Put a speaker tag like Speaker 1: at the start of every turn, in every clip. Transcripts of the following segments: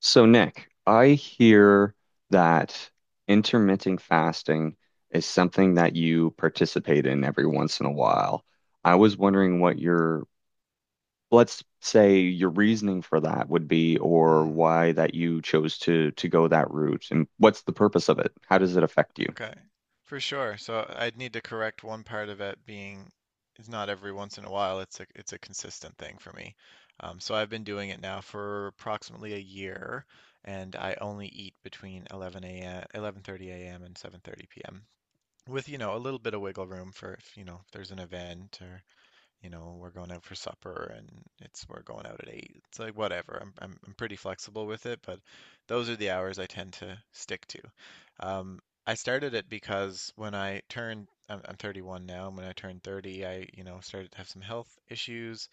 Speaker 1: So, Nick, I hear that intermittent fasting is something that you participate in every once in a while. I was wondering what your, let's say your reasoning for that would be, or
Speaker 2: Mm,
Speaker 1: why that you chose to go that route, and what's the purpose of it? How does it affect you?
Speaker 2: okay, for sure. So I'd need to correct one part of it being it's not every once in a while. It's a consistent thing for me. So I've been doing it now for approximately a year, and I only eat between 11 a.m. 11:30 a.m. and 7:30 p.m. with a little bit of wiggle room for, if if there's an event, or we're going out for supper, and it's we're going out at 8, it's like whatever, I'm pretty flexible with it, but those are the hours I tend to stick to. um I started it because when I turned I'm 31 now, and when I turned 30 I started to have some health issues,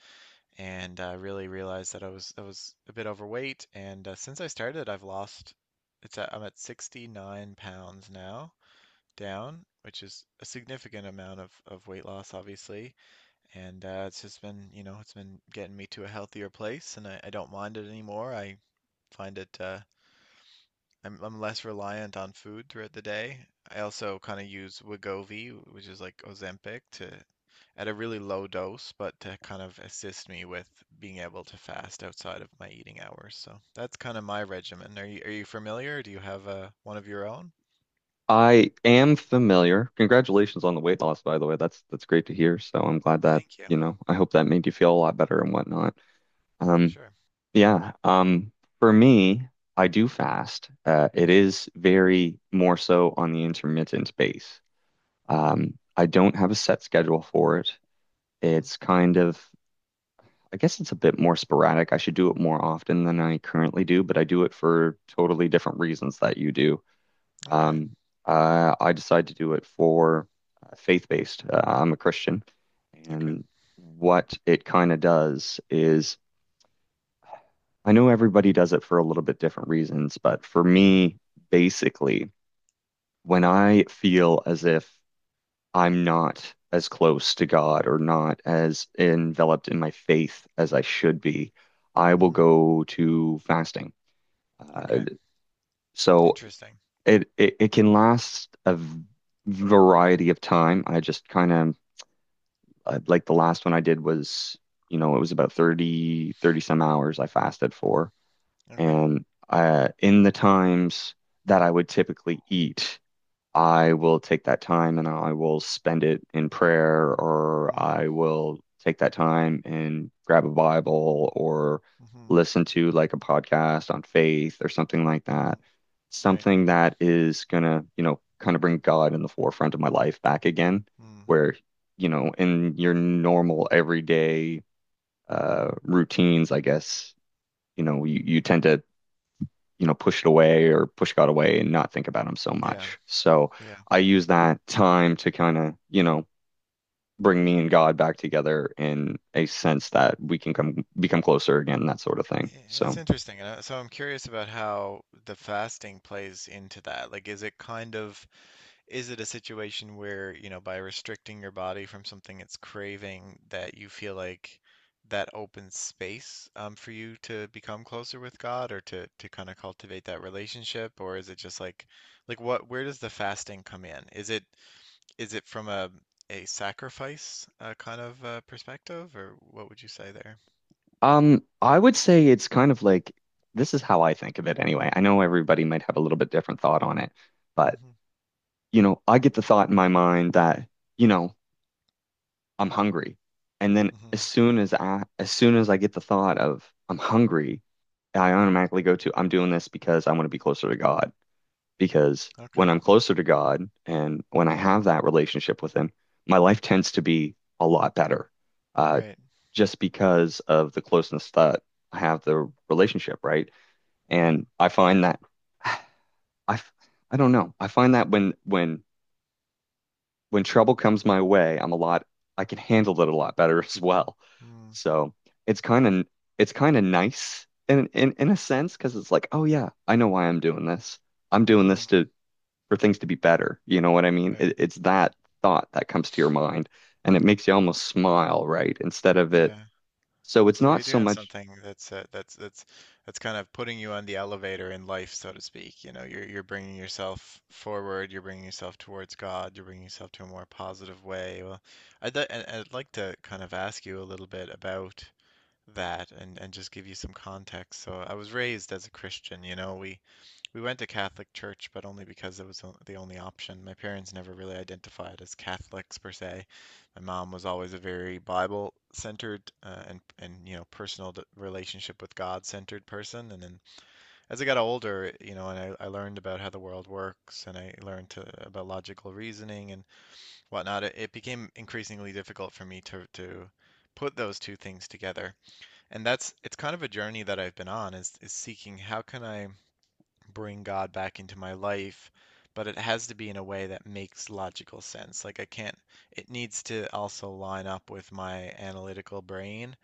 Speaker 2: and really realized that I was a bit overweight. And since I started, I've lost, I'm at 69 pounds now down, which is a significant amount of weight loss, obviously. And it's just been, you know, it's been getting me to a healthier place, and I don't mind it anymore. I find it, I'm less reliant on food throughout the day. I also kind of use Wegovy, which is like Ozempic, to at a really low dose, but to kind of assist me with being able to fast outside of my eating hours. So that's kind of my regimen. Are you familiar? Do you have a one of your own?
Speaker 1: I am familiar. Congratulations on the weight loss, by the way. That's great to hear. So I'm glad that,
Speaker 2: Thank you,
Speaker 1: I hope that made you feel a lot better and whatnot.
Speaker 2: for
Speaker 1: Um,
Speaker 2: sure.
Speaker 1: Yeah. For me, I do fast. It is very more so on the intermittent base. I don't have a set schedule for it.
Speaker 2: Hmm.
Speaker 1: It's kind of, I guess it's a bit more sporadic. I should do it more often than I currently do, but I do it for totally different reasons that you do.
Speaker 2: Okay,
Speaker 1: Um, I decide to do it for faith-based. I'm a Christian,
Speaker 2: okay.
Speaker 1: and what it kind of does is I know everybody does it for a little bit different reasons, but for
Speaker 2: Mm-hmm.
Speaker 1: me, basically, when I feel as if I'm not as close to God or not as enveloped in my faith as I should be, I will
Speaker 2: Mm-hmm.
Speaker 1: go to fasting. Uh,
Speaker 2: Okay.
Speaker 1: so
Speaker 2: Interesting.
Speaker 1: it, it it can last a variety of time. I just kind of like the last one I did was, you know, it was about 30 some hours I fasted for.
Speaker 2: Okay.
Speaker 1: And in the times that I would typically eat, I will take that time and I will spend it in prayer, or
Speaker 2: Mm.
Speaker 1: I will take that time and grab a Bible or
Speaker 2: Mm-hmm.
Speaker 1: listen to like a podcast on faith or something like that.
Speaker 2: Mm-hmm. Right.
Speaker 1: Something that is gonna, you know, kind of bring God in the forefront of my life back again,
Speaker 2: Mm.
Speaker 1: where, you know, in your normal everyday routines, I guess, you know, you tend to push it away or push God away and not think about him so
Speaker 2: Yeah.
Speaker 1: much. So
Speaker 2: Yeah.
Speaker 1: I use that time to kind of, you know, bring me and God back together in a sense that we can come become closer again, that sort of thing.
Speaker 2: That's
Speaker 1: So
Speaker 2: interesting. And so I'm curious about how the fasting plays into that. Like, is it a situation where by restricting your body from something it's craving, that you feel like that opens space, for you to become closer with God, or to kind of cultivate that relationship? Or is it just like, where does the fasting come in? Is it from a sacrifice, kind of, perspective, or what would you say there?
Speaker 1: I would say it's kind of like this is how I think of it anyway. I know everybody might have a little bit different thought on it, but
Speaker 2: Hmm.
Speaker 1: you know, I get the thought in my mind that, you know, I'm hungry. And then as
Speaker 2: Hmm.
Speaker 1: soon as I as soon as I get the thought of I'm hungry, I automatically go to I'm doing this because I want to be closer to God. Because when
Speaker 2: Okay.
Speaker 1: I'm closer to God and when I have that relationship with Him, my life tends to be a lot better. Uh,
Speaker 2: Right.
Speaker 1: just because of the closeness that I have the relationship, right?
Speaker 2: Mm,
Speaker 1: And I find that I f- I don't know. I find that when trouble comes my way, I can handle it a lot better as well.
Speaker 2: mm.
Speaker 1: So it's kind of it's kind of nice in a sense because it's like, oh yeah, I know why I'm doing this. I'm doing
Speaker 2: Hmm.
Speaker 1: this to for things to be better. You know what I mean? It,
Speaker 2: Right.
Speaker 1: it's that thought that comes to your mind, and it makes you almost smile, right? Instead of it,
Speaker 2: Yeah.
Speaker 1: so it's
Speaker 2: So
Speaker 1: not
Speaker 2: you're
Speaker 1: so
Speaker 2: doing
Speaker 1: much.
Speaker 2: something that's, that's kind of putting you on the elevator in life, so to speak. You know, you're bringing yourself forward. You're bringing yourself towards God. You're bringing yourself to a more positive way. Well, and I'd like to kind of ask you a little bit about that, and just give you some context. So I was raised as a Christian. We went to Catholic church, but only because it was the only option. My parents never really identified as Catholics per se. My mom was always a very Bible centered, and personal, relationship with God centered person. And then as I got older, I learned about how the world works, and I learned, about logical reasoning and whatnot. It became increasingly difficult for me to put those two things together, and that's it's kind of a journey that I've been on, is seeking how can I bring God back into my life, but it has to be in a way that makes logical sense. Like, I can't it needs to also line up with my analytical brain,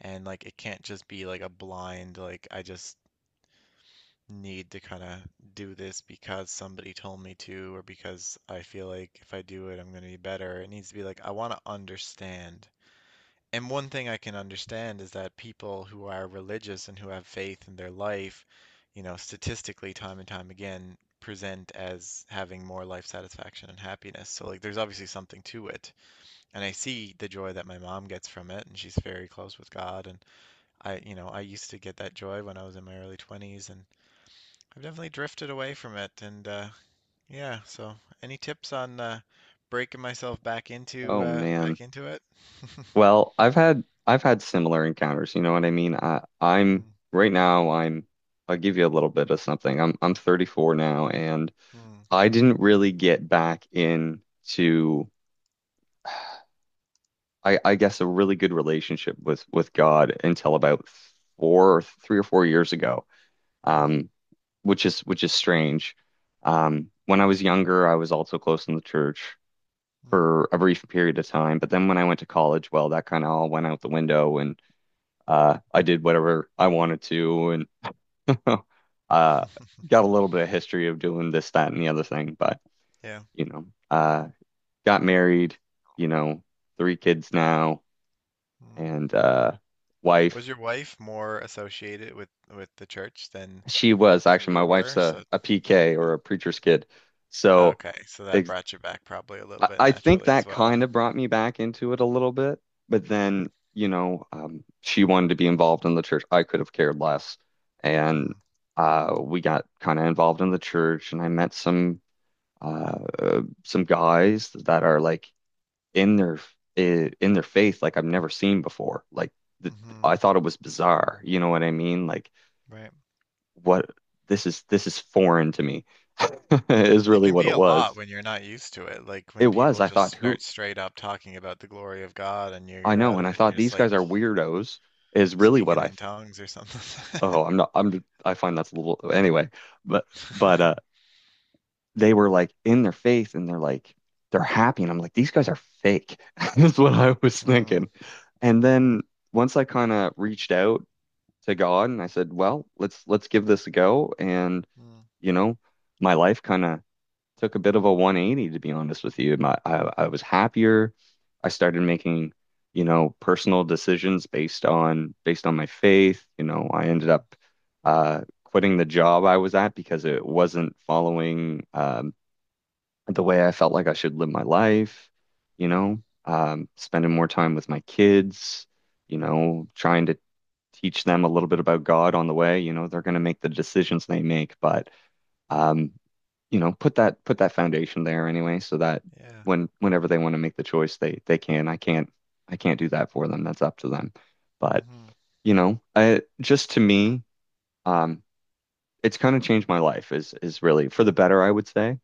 Speaker 2: and like, it can't just be like a blind, like I just need to kind of do this because somebody told me to, or because I feel like if I do it I'm going to be better. It needs to be like I want to understand. And one thing I can understand is that people who are religious and who have faith in their life, statistically, time and time again, present as having more life satisfaction and happiness. So, like, there's obviously something to it. And I see the joy that my mom gets from it, and she's very close with God. And I used to get that joy when I was in my early 20s, and I've definitely drifted away from it. And yeah, so any tips on, breaking myself back into
Speaker 1: Oh
Speaker 2: uh,
Speaker 1: man.
Speaker 2: back into it?
Speaker 1: Well, I've had similar encounters, you know what I mean? I I'm
Speaker 2: Mm,
Speaker 1: right now I'm I'll give you a little bit of something. I'm 34 now, and
Speaker 2: mm,
Speaker 1: I didn't really get back into, I guess, a really good relationship with God until about 4 or 3 or 4 years ago.
Speaker 2: mm.
Speaker 1: Um which is strange. When I was younger, I was also close in the church
Speaker 2: Mm.
Speaker 1: for a brief period of time, but then when I went to college, well, that kind of all went out the window. And I did whatever I wanted to, and uh, got a little bit of history of doing this, that, and the other thing. But,
Speaker 2: Yeah.
Speaker 1: you know, got married, you know, three kids now,
Speaker 2: Mm.
Speaker 1: and
Speaker 2: Was
Speaker 1: wife.
Speaker 2: your wife more associated with the church than
Speaker 1: She was
Speaker 2: than
Speaker 1: actually, my
Speaker 2: you
Speaker 1: wife's
Speaker 2: were? So,
Speaker 1: a PK, or
Speaker 2: okay.
Speaker 1: a preacher's kid. So
Speaker 2: Okay, so that
Speaker 1: ex
Speaker 2: brought you back probably a little
Speaker 1: I,
Speaker 2: bit
Speaker 1: I think
Speaker 2: naturally as
Speaker 1: that
Speaker 2: well.
Speaker 1: kind
Speaker 2: Like,
Speaker 1: of brought me back into it a little bit, but
Speaker 2: mm,
Speaker 1: then, she wanted to be involved in the church. I could have cared less. And
Speaker 2: mm,
Speaker 1: we got kind of involved in the church, and I met some guys that are like in their faith, like I've never seen before. Like the,
Speaker 2: mm-hmm,
Speaker 1: I thought it was bizarre. You know what I mean? Like
Speaker 2: right.
Speaker 1: what this is foreign to me
Speaker 2: Mm.
Speaker 1: is
Speaker 2: It
Speaker 1: really
Speaker 2: can
Speaker 1: what
Speaker 2: be
Speaker 1: it
Speaker 2: a lot
Speaker 1: was.
Speaker 2: when you're not used to it. Like
Speaker 1: It
Speaker 2: when
Speaker 1: was.
Speaker 2: people
Speaker 1: I
Speaker 2: just
Speaker 1: thought, who,
Speaker 2: start straight up talking about the glory of God and you're
Speaker 1: I
Speaker 2: you're
Speaker 1: know,
Speaker 2: out
Speaker 1: and
Speaker 2: of
Speaker 1: I
Speaker 2: it and
Speaker 1: thought
Speaker 2: you're just
Speaker 1: these
Speaker 2: like
Speaker 1: guys are weirdos, is really what
Speaker 2: speaking
Speaker 1: I...
Speaker 2: in tongues or something.
Speaker 1: Oh, I'm not, I'm, I find that's a little, anyway. but but uh they were like in their faith and they're like they're happy, and I'm like, these guys are fake. That's what I was
Speaker 2: Mm,
Speaker 1: thinking. And
Speaker 2: mm-hmm,
Speaker 1: then once I kind of reached out to God and I said, well, let's give this a go, and
Speaker 2: mm,
Speaker 1: you know, my life kind of took a bit of a 180, to be honest with you. I was happier. I started making, you know, personal decisions based on my faith. You know, I ended
Speaker 2: mm,
Speaker 1: up quitting the job I was at because it wasn't following the way I felt like I should live my life. You
Speaker 2: mm,
Speaker 1: know, spending more time with my kids. You
Speaker 2: mm.
Speaker 1: know, trying to teach them a little bit about God on the way. You know, they're going to make the decisions they make, but
Speaker 2: Yep,
Speaker 1: um, you know, put that foundation there anyway, so that
Speaker 2: yeah.
Speaker 1: whenever they want to make the choice, they can. I can't do that for them. That's up to them. But
Speaker 2: Mm-hmm.
Speaker 1: you know, I just to me, um, it's kind of changed my life, is really for the better, I would say.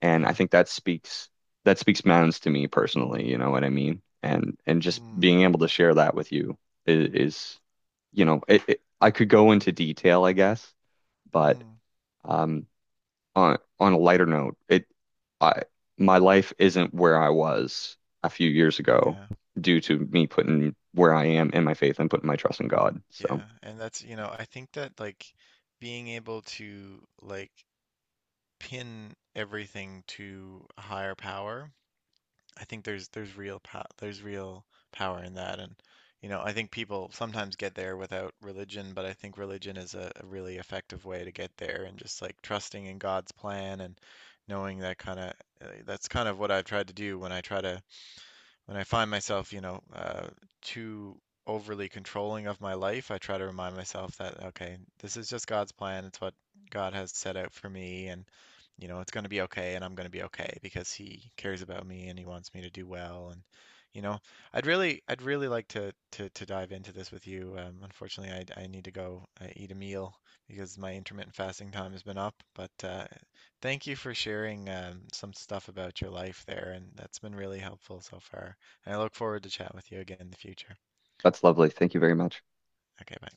Speaker 1: And I
Speaker 2: Yeah.
Speaker 1: think that speaks, mountains to me personally. You know what I mean? And just
Speaker 2: Mm,
Speaker 1: being able to share that with you is you know, it, I could go into detail, I guess, but.
Speaker 2: mm,
Speaker 1: Um, on a lighter note, it I my life isn't where I was a few years ago
Speaker 2: yeah,
Speaker 1: due to me putting where I am in my faith and putting my trust in God. So
Speaker 2: yeah. And I think that, like, being able to, like, pin everything to a higher power, I think there's real power in that. And I think people sometimes get there without religion, but I think religion is a really effective way to get there, and just like trusting in God's plan and knowing that kind of, that's kind of what I've tried to do when I try to when I find myself, too overly controlling of my life. I try to remind myself that, okay, this is just God's plan. It's what God has set out for me. And, it's going to be okay. And I'm going to be okay because He cares about me and He wants me to do well. And, you know, I'd really like to dive into this with you. Unfortunately, I need to go, eat a meal, because my intermittent fasting time has been up. But thank you for sharing, some stuff about your life there. And that's been really helpful so far. I look forward to chat with you again in the future.
Speaker 1: that's lovely. Thank you very much.
Speaker 2: Okay, bye.